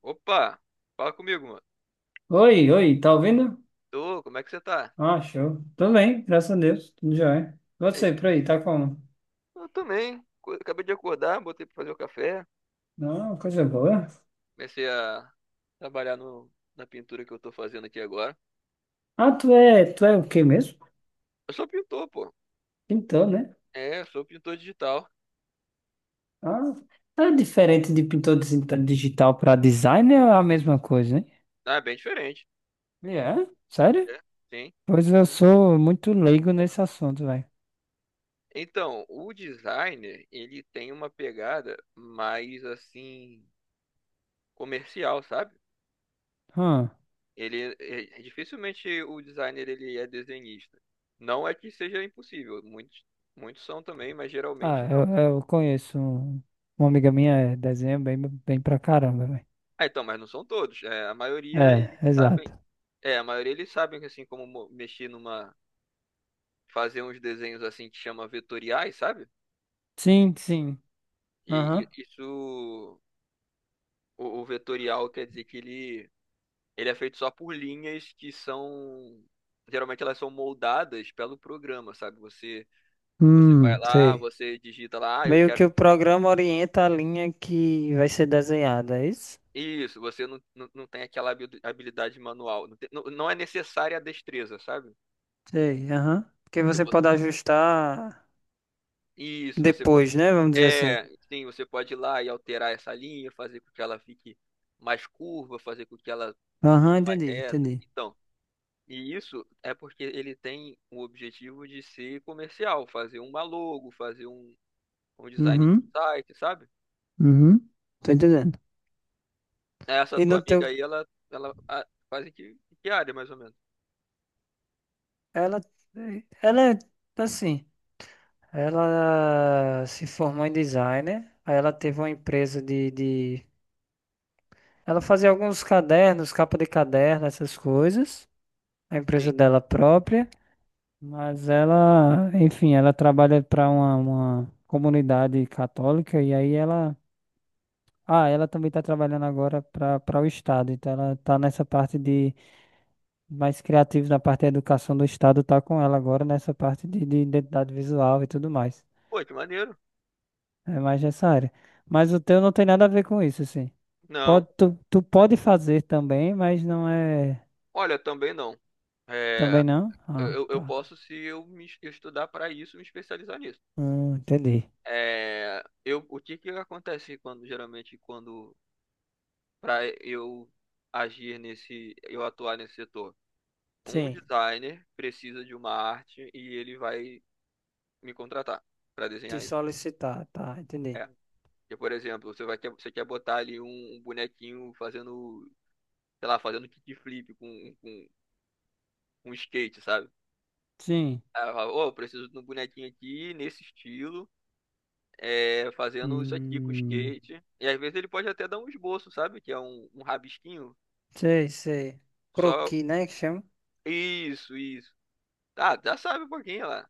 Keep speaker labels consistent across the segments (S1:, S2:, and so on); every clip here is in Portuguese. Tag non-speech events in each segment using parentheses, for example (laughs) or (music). S1: Opa, fala comigo, mano.
S2: Oi, oi, tá ouvindo?
S1: Tô, como é que você tá?
S2: Ah, show. Tudo bem, graças a Deus, tudo jóia.
S1: Ei,
S2: Você, por aí, tá como?
S1: eu também. Acabei de acordar, botei pra fazer o café.
S2: Não, coisa boa.
S1: Comecei a trabalhar no, na pintura que eu tô fazendo aqui agora.
S2: Ah, tu é o quê mesmo?
S1: Eu sou pintor, pô.
S2: Pintor, né?
S1: É, eu sou pintor digital.
S2: Ah, é diferente de pintor digital para designer, é a mesma coisa, hein?
S1: Ah, é bem diferente.
S2: É? Sério?
S1: É, sim.
S2: Pois eu sou muito leigo nesse assunto, velho.
S1: Então, o designer, ele tem uma pegada mais assim comercial, sabe?
S2: Hum.
S1: É, dificilmente o designer ele é desenhista. Não é que seja impossível, muitos muitos são também, mas geralmente
S2: Ah,
S1: não.
S2: eu, eu conheço uma amiga minha, é, desenha bem, bem pra caramba, velho.
S1: Ah, então, mas não são todos. É, a maioria
S2: É,
S1: eles sabem,
S2: exato.
S1: é, a maioria eles sabem assim como mexer fazer uns desenhos assim que chama vetoriais, sabe?
S2: Sim, sim.
S1: E
S2: Aham.
S1: isso, o vetorial quer dizer que ele é feito só por linhas que são, geralmente elas são moldadas pelo programa, sabe? Você vai lá,
S2: Sei.
S1: você digita lá, ah, eu
S2: Meio
S1: quero
S2: que o programa orienta a linha que vai ser desenhada, é isso?
S1: isso. Você não, não tem aquela habilidade manual, não, não é necessária a destreza, sabe?
S2: Sei, aham. Porque
S1: Se
S2: você
S1: vo-
S2: pode ajustar
S1: Isso, você
S2: depois, né? Vamos dizer assim.
S1: É, Sim, você pode ir lá e alterar essa linha, fazer com que ela fique mais curva, fazer com que ela fique
S2: Aham,
S1: mais
S2: entendi,
S1: reta.
S2: entendi.
S1: Então, e isso é porque ele tem o objetivo de ser comercial, fazer uma logo, fazer um design de um
S2: Uhum,
S1: site, sabe?
S2: uhum. Tô entendendo.
S1: Essa
S2: E no
S1: tua
S2: teu.
S1: amiga aí, ela ah, faz em em que área, mais ou menos?
S2: Ela. Ela é assim. Ela se formou em designer. Aí ela teve uma empresa de... Ela fazia alguns cadernos, capa de caderno, essas coisas. A
S1: Sim.
S2: empresa dela própria. Mas ela, enfim, ela trabalha para uma comunidade católica e aí ela. Ah, ela também está trabalhando agora para o Estado, então ela está nessa parte de mais criativa na parte da educação do Estado, tá com ela agora nessa parte de identidade visual e tudo mais.
S1: Pô, que maneiro.
S2: É mais nessa área. Mas o teu não tem nada a ver com isso, assim.
S1: Não.
S2: Pode, tu pode fazer também, mas não é.
S1: Olha, também não.
S2: Também
S1: É,
S2: não? Ah,
S1: eu
S2: tá.
S1: posso, se eu me eu estudar para isso, me especializar nisso.
S2: Entendi.
S1: É, eu, o que que acontece quando geralmente quando para eu agir nesse, eu atuar nesse setor? Um
S2: Sim,
S1: designer precisa de uma arte e ele vai me contratar para
S2: te
S1: desenhar isso.
S2: solicitar, tá, entendi.
S1: É. Porque, por exemplo, você vai quer, você quer botar ali um bonequinho fazendo, sei lá, fazendo kickflip com skate, sabe?
S2: Sim.
S1: Aí eu falo, Ô, eu preciso de um bonequinho aqui nesse estilo, é, fazendo isso aqui com
S2: Hum,
S1: skate. E às vezes ele pode até dar um esboço, sabe? Que é um rabisquinho.
S2: sei, sei.
S1: Só.
S2: Croqui, né, que chama?
S1: Isso, isso. Ah, já sabe um pouquinho lá.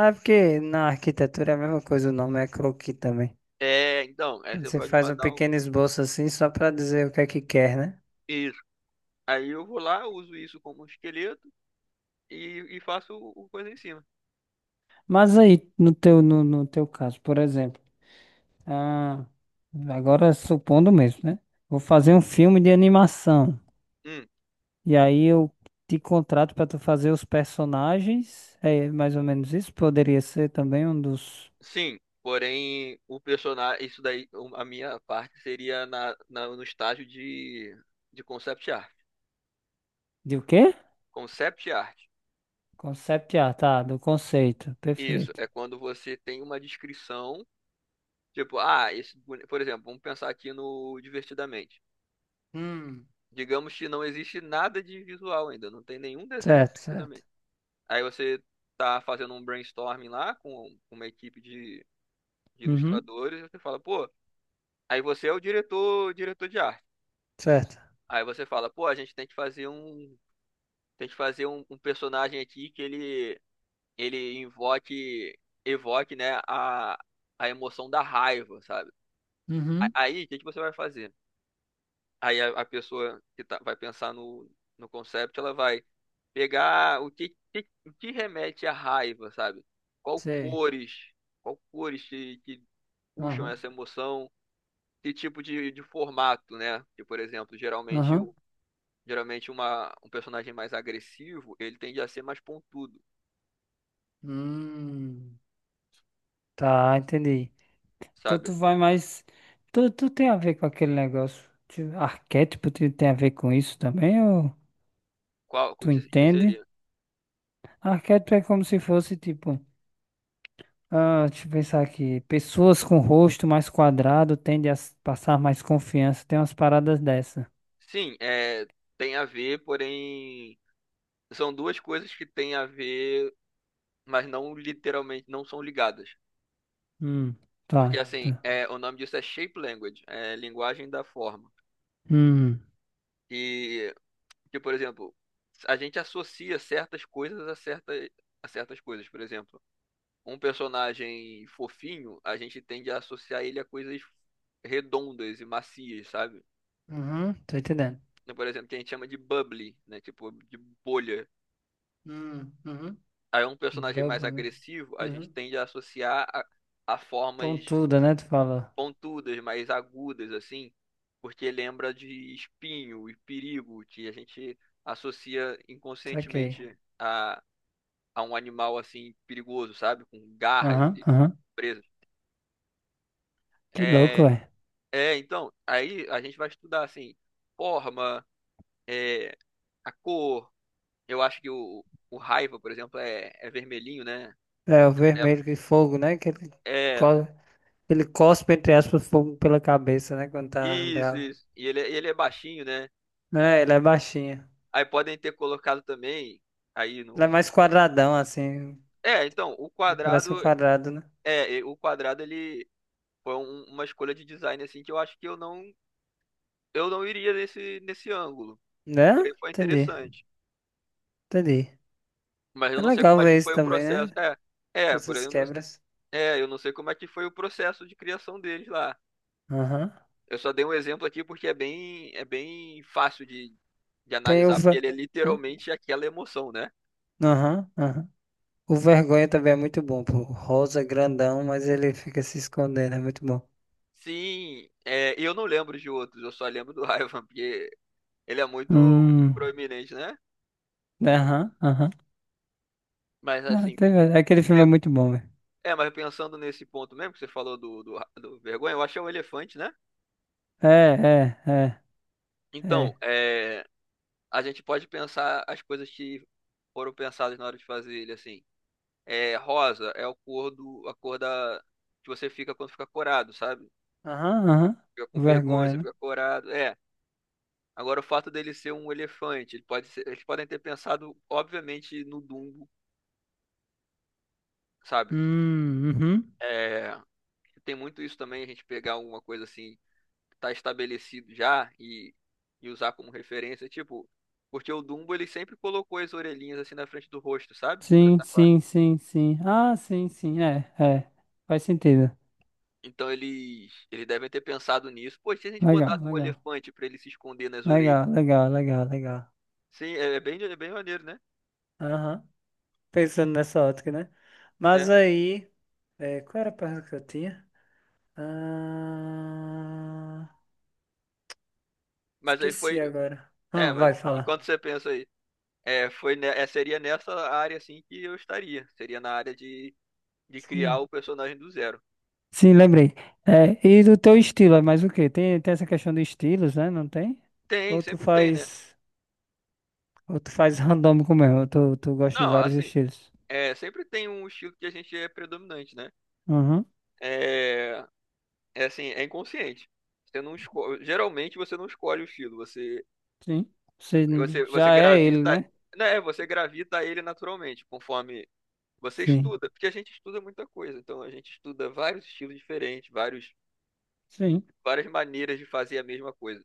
S2: Ah, é porque na arquitetura é a mesma coisa, o nome é croqui também.
S1: É, então, aí você
S2: Você
S1: pode
S2: faz um
S1: mandar um.
S2: pequeno esboço assim só para dizer o que é que quer, né?
S1: Isso. Aí eu vou lá, uso isso como um esqueleto e faço o coisa em cima.
S2: Mas aí, no teu, no teu caso, por exemplo, ah, agora supondo mesmo, né? Vou fazer um filme de animação.
S1: Hum,
S2: E aí eu te contrato para tu fazer os personagens. É mais ou menos isso? Poderia ser também um dos.
S1: sim. Porém, o personagem. Isso daí, um, a minha parte seria no estágio de concept art.
S2: De o quê?
S1: Concept art.
S2: Concept art, tá, do conceito,
S1: Isso.
S2: perfeito.
S1: É quando você tem uma descrição. Tipo, ah, por exemplo, vamos pensar aqui no Divertidamente.
S2: Hum.
S1: Digamos que não existe nada de visual ainda, não tem nenhum desenho
S2: Certo, certo.
S1: divertidamente. Aí você tá fazendo um brainstorming lá com uma equipe de
S2: Uhum,
S1: ilustradores, você fala, pô, aí você é o diretor, diretor de arte.
S2: certo.
S1: Aí você fala, pô, a gente tem que fazer um, tem que fazer um personagem aqui que ele invoque, evoque, né, a emoção da raiva, sabe?
S2: Uhum.
S1: Aí, o que que você vai fazer? Aí a pessoa que vai pensar no concept, ela vai pegar o o que remete à raiva, sabe? Qual
S2: Sei.
S1: cores, qual cores que puxam
S2: Aham,
S1: essa emoção, que tipo de formato, né? Que, por exemplo,
S2: aham.
S1: geralmente uma, um personagem mais agressivo, ele tende a ser mais pontudo,
S2: Hum. Tá, entendi. Então
S1: sabe?
S2: tu vai mais. Tu tem a ver com aquele negócio. De Arquétipo tu tem a ver com isso também? Ou
S1: Qual, o
S2: tu
S1: que que
S2: entende?
S1: seria?
S2: Arquétipo é como se fosse tipo. Ah, deixa eu pensar aqui. Pessoas com rosto mais quadrado tendem a passar mais confiança. Tem umas paradas dessa.
S1: Sim, é, tem a ver, porém, são duas coisas que têm a ver, mas não literalmente, não são ligadas.
S2: Hum,
S1: Porque
S2: tá.
S1: assim,
S2: tá.
S1: é, o nome disso é shape language, é linguagem da forma.
S2: Hum.
S1: E que, por exemplo, a gente associa certas coisas a certa a certas coisas. Por exemplo, um personagem fofinho, a gente tende a associar ele a coisas redondas e macias, sabe?
S2: Uhum, tô entendendo.
S1: Então, por exemplo, que a gente chama de bubbly, né? Tipo, de bolha.
S2: Hum. Uhum.
S1: Aí um
S2: De
S1: personagem mais
S2: bubble, né?
S1: agressivo, a gente
S2: Uhum.
S1: tende a associar a formas
S2: Pontuda, né? Tu fala.
S1: pontudas, mais agudas, assim, porque lembra de espinho e perigo, que a gente associa
S2: Saquei.
S1: inconscientemente a um animal, assim, perigoso, sabe? Com garras
S2: Aham,
S1: e
S2: aham.
S1: presas.
S2: Que louco,
S1: É,
S2: ué.
S1: então, aí a gente vai estudar, assim, forma, é, a cor. Eu acho que o raiva, por exemplo, é vermelhinho, né?
S2: É, o vermelho que fogo, né? Que ele,
S1: É, é,
S2: co- ele cospe, entre aspas, fogo pela cabeça, né? Quando tá
S1: isso,
S2: bravo.
S1: isso. E ele, ele é baixinho, né?
S2: É, ele é baixinho.
S1: Aí podem ter colocado também, aí
S2: Ele é
S1: no...
S2: mais quadradão, assim.
S1: É, então, o
S2: Ele
S1: quadrado.
S2: parece um quadrado, né?
S1: É, e o quadrado ele foi uma escolha de design assim que eu acho que eu não iria nesse nesse ângulo.
S2: Né?
S1: Porém foi
S2: Entendi,
S1: interessante,
S2: entendi.
S1: mas eu
S2: É
S1: não sei
S2: legal
S1: como é que
S2: ver isso
S1: foi o
S2: também,
S1: processo.
S2: né?
S1: É, é, porém
S2: Essas
S1: eu não,
S2: quebras.
S1: é, eu não sei como é que foi o processo de criação deles lá.
S2: Aham.
S1: Eu só dei um exemplo aqui porque é bem fácil de
S2: Tem o...
S1: analisar porque
S2: ve-
S1: ele é
S2: o-
S1: literalmente aquela emoção, né?
S2: Aham, aham. O Vergonha também é muito bom, pô. Rosa grandão, mas ele fica se escondendo, é muito bom.
S1: Sim, é, e eu não lembro de outros, eu só lembro do (laughs) Ivan porque ele é muito
S2: Hum.
S1: proeminente, né?
S2: Aham, aham.
S1: Mas
S2: Ah,
S1: assim,
S2: aquele filme é muito bom, velho.
S1: é, mas pensando nesse ponto mesmo que você falou do vergonha, eu acho que é o elefante, né?
S2: É, é, é,
S1: Então,
S2: é.
S1: é, a gente pode pensar as coisas que foram pensadas na hora de fazer ele, assim. É, rosa é o cor do, a cor da, que você fica quando fica corado, sabe?
S2: Aham, aham.
S1: Fica com vergonha,
S2: Vergonha,
S1: você
S2: né?
S1: fica corado. É. Agora, o fato dele ser um elefante, eles podem ter pensado, obviamente, no Dumbo, sabe?
S2: Uhum.
S1: É, tem muito isso também, a gente pegar alguma coisa assim tá estabelecido já e usar como referência, tipo, porque o Dumbo ele sempre colocou as orelhinhas assim na frente do rosto, sabe? Pra
S2: Sim,
S1: tapar.
S2: sim, sim, sim. Ah, sim, sim, é, é. Faz sentido.
S1: Então eles eles devem ter pensado nisso. Pô, se a gente
S2: Legal,
S1: botasse um
S2: legal.
S1: elefante pra ele se esconder nas orelhas.
S2: Legal, legal, legal, legal.
S1: Sim, é, é bem maneiro, né?
S2: Aham. Pensando nessa ótica, né? Mas
S1: É.
S2: aí, é, qual era a pergunta que eu tinha? Ah,
S1: Mas aí
S2: esqueci
S1: foi,
S2: agora. Ah,
S1: é, mas
S2: vai falar.
S1: enquanto você pensa aí, é, foi é, seria nessa área assim que eu estaria. Seria na área de criar
S2: Sim,
S1: o personagem do zero.
S2: sim, lembrei. É, e do teu estilo, é mais o quê? Tem, tem essa questão de estilos, né? Não tem?
S1: Tem,
S2: Ou tu
S1: sempre tem, né?
S2: faz, ou tu faz (laughs) randômico mesmo, ou tu gosta de
S1: Não,
S2: vários
S1: assim,
S2: estilos.
S1: é, sempre tem um estilo que a gente é predominante, né?
S2: Uhum,
S1: É, é assim, é inconsciente. Você não geralmente você não escolhe o estilo, você
S2: sim.
S1: você você É,
S2: Já é ele,
S1: gravita,
S2: né?
S1: né, você gravita a ele naturalmente, conforme você
S2: Sim.
S1: estuda, porque a gente estuda muita coisa, então a gente estuda vários estilos diferentes, vários
S2: Sim,
S1: várias maneiras de fazer a mesma coisa.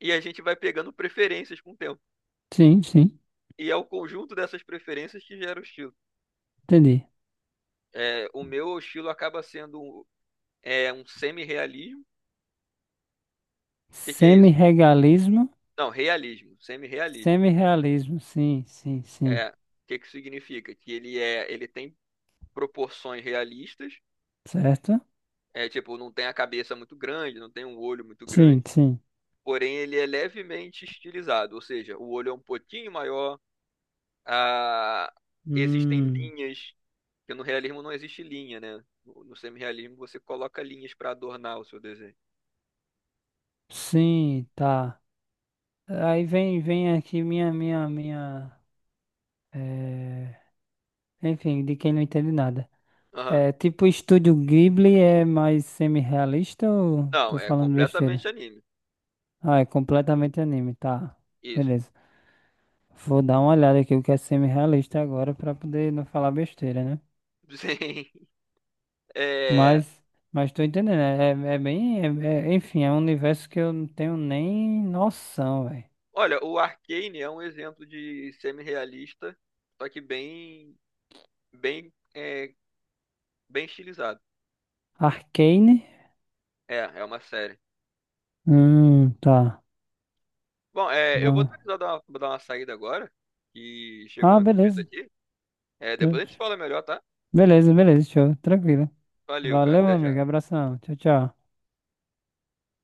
S1: E a gente vai pegando preferências com o tempo.
S2: sim, sim.
S1: E é o conjunto dessas preferências que gera o estilo.
S2: Entendi.
S1: É, o meu estilo acaba sendo é um semi-realismo. O que que é isso?
S2: Semi-regalismo,
S1: Não, realismo, semi-realismo.
S2: semi-realismo, sim, sim, sim.
S1: É, o que que significa? Que ele é, ele tem proporções realistas,
S2: Certo?
S1: é tipo, não tem a cabeça muito grande, não tem um olho muito grande,
S2: Sim, sim.
S1: porém ele é levemente estilizado, ou seja, o olho é um pouquinho maior, a, existem
S2: Hum.
S1: linhas, que no realismo não existe linha, né? No semi-realismo você coloca linhas para adornar o seu desenho.
S2: Sim, tá. Aí vem, vem aqui minha. É mais semi-realista ou
S1: Não,
S2: tô
S1: é
S2: falando besteira?
S1: completamente anime.
S2: Ah, é completamente anime, tá.
S1: Isso.
S2: Beleza. Vou dar uma olhada aqui o que é semi-realista agora pra poder não falar besteira, né?
S1: (laughs) Sim. É,
S2: Mas, mas tô entendendo. É bem. Enfim, é um universo que eu não tenho nem noção, velho.
S1: olha, o Arcane é um exemplo de semi-realista, só que bem bem, é, bem estilizado.
S2: Arcane?
S1: É, é uma série.
S2: Tá.
S1: Bom, é, eu vou
S2: Não.
S1: precisar dar uma, vou dar uma saída agora, que chegou
S2: Ah,
S1: uma encomenda
S2: beleza.
S1: aqui. É, depois a gente se fala melhor, tá?
S2: Beleza, beleza, show. Tranquilo.
S1: Valeu, cara.
S2: Valeu, meu
S1: Até já.
S2: amigo. Abração. Tchau, tchau.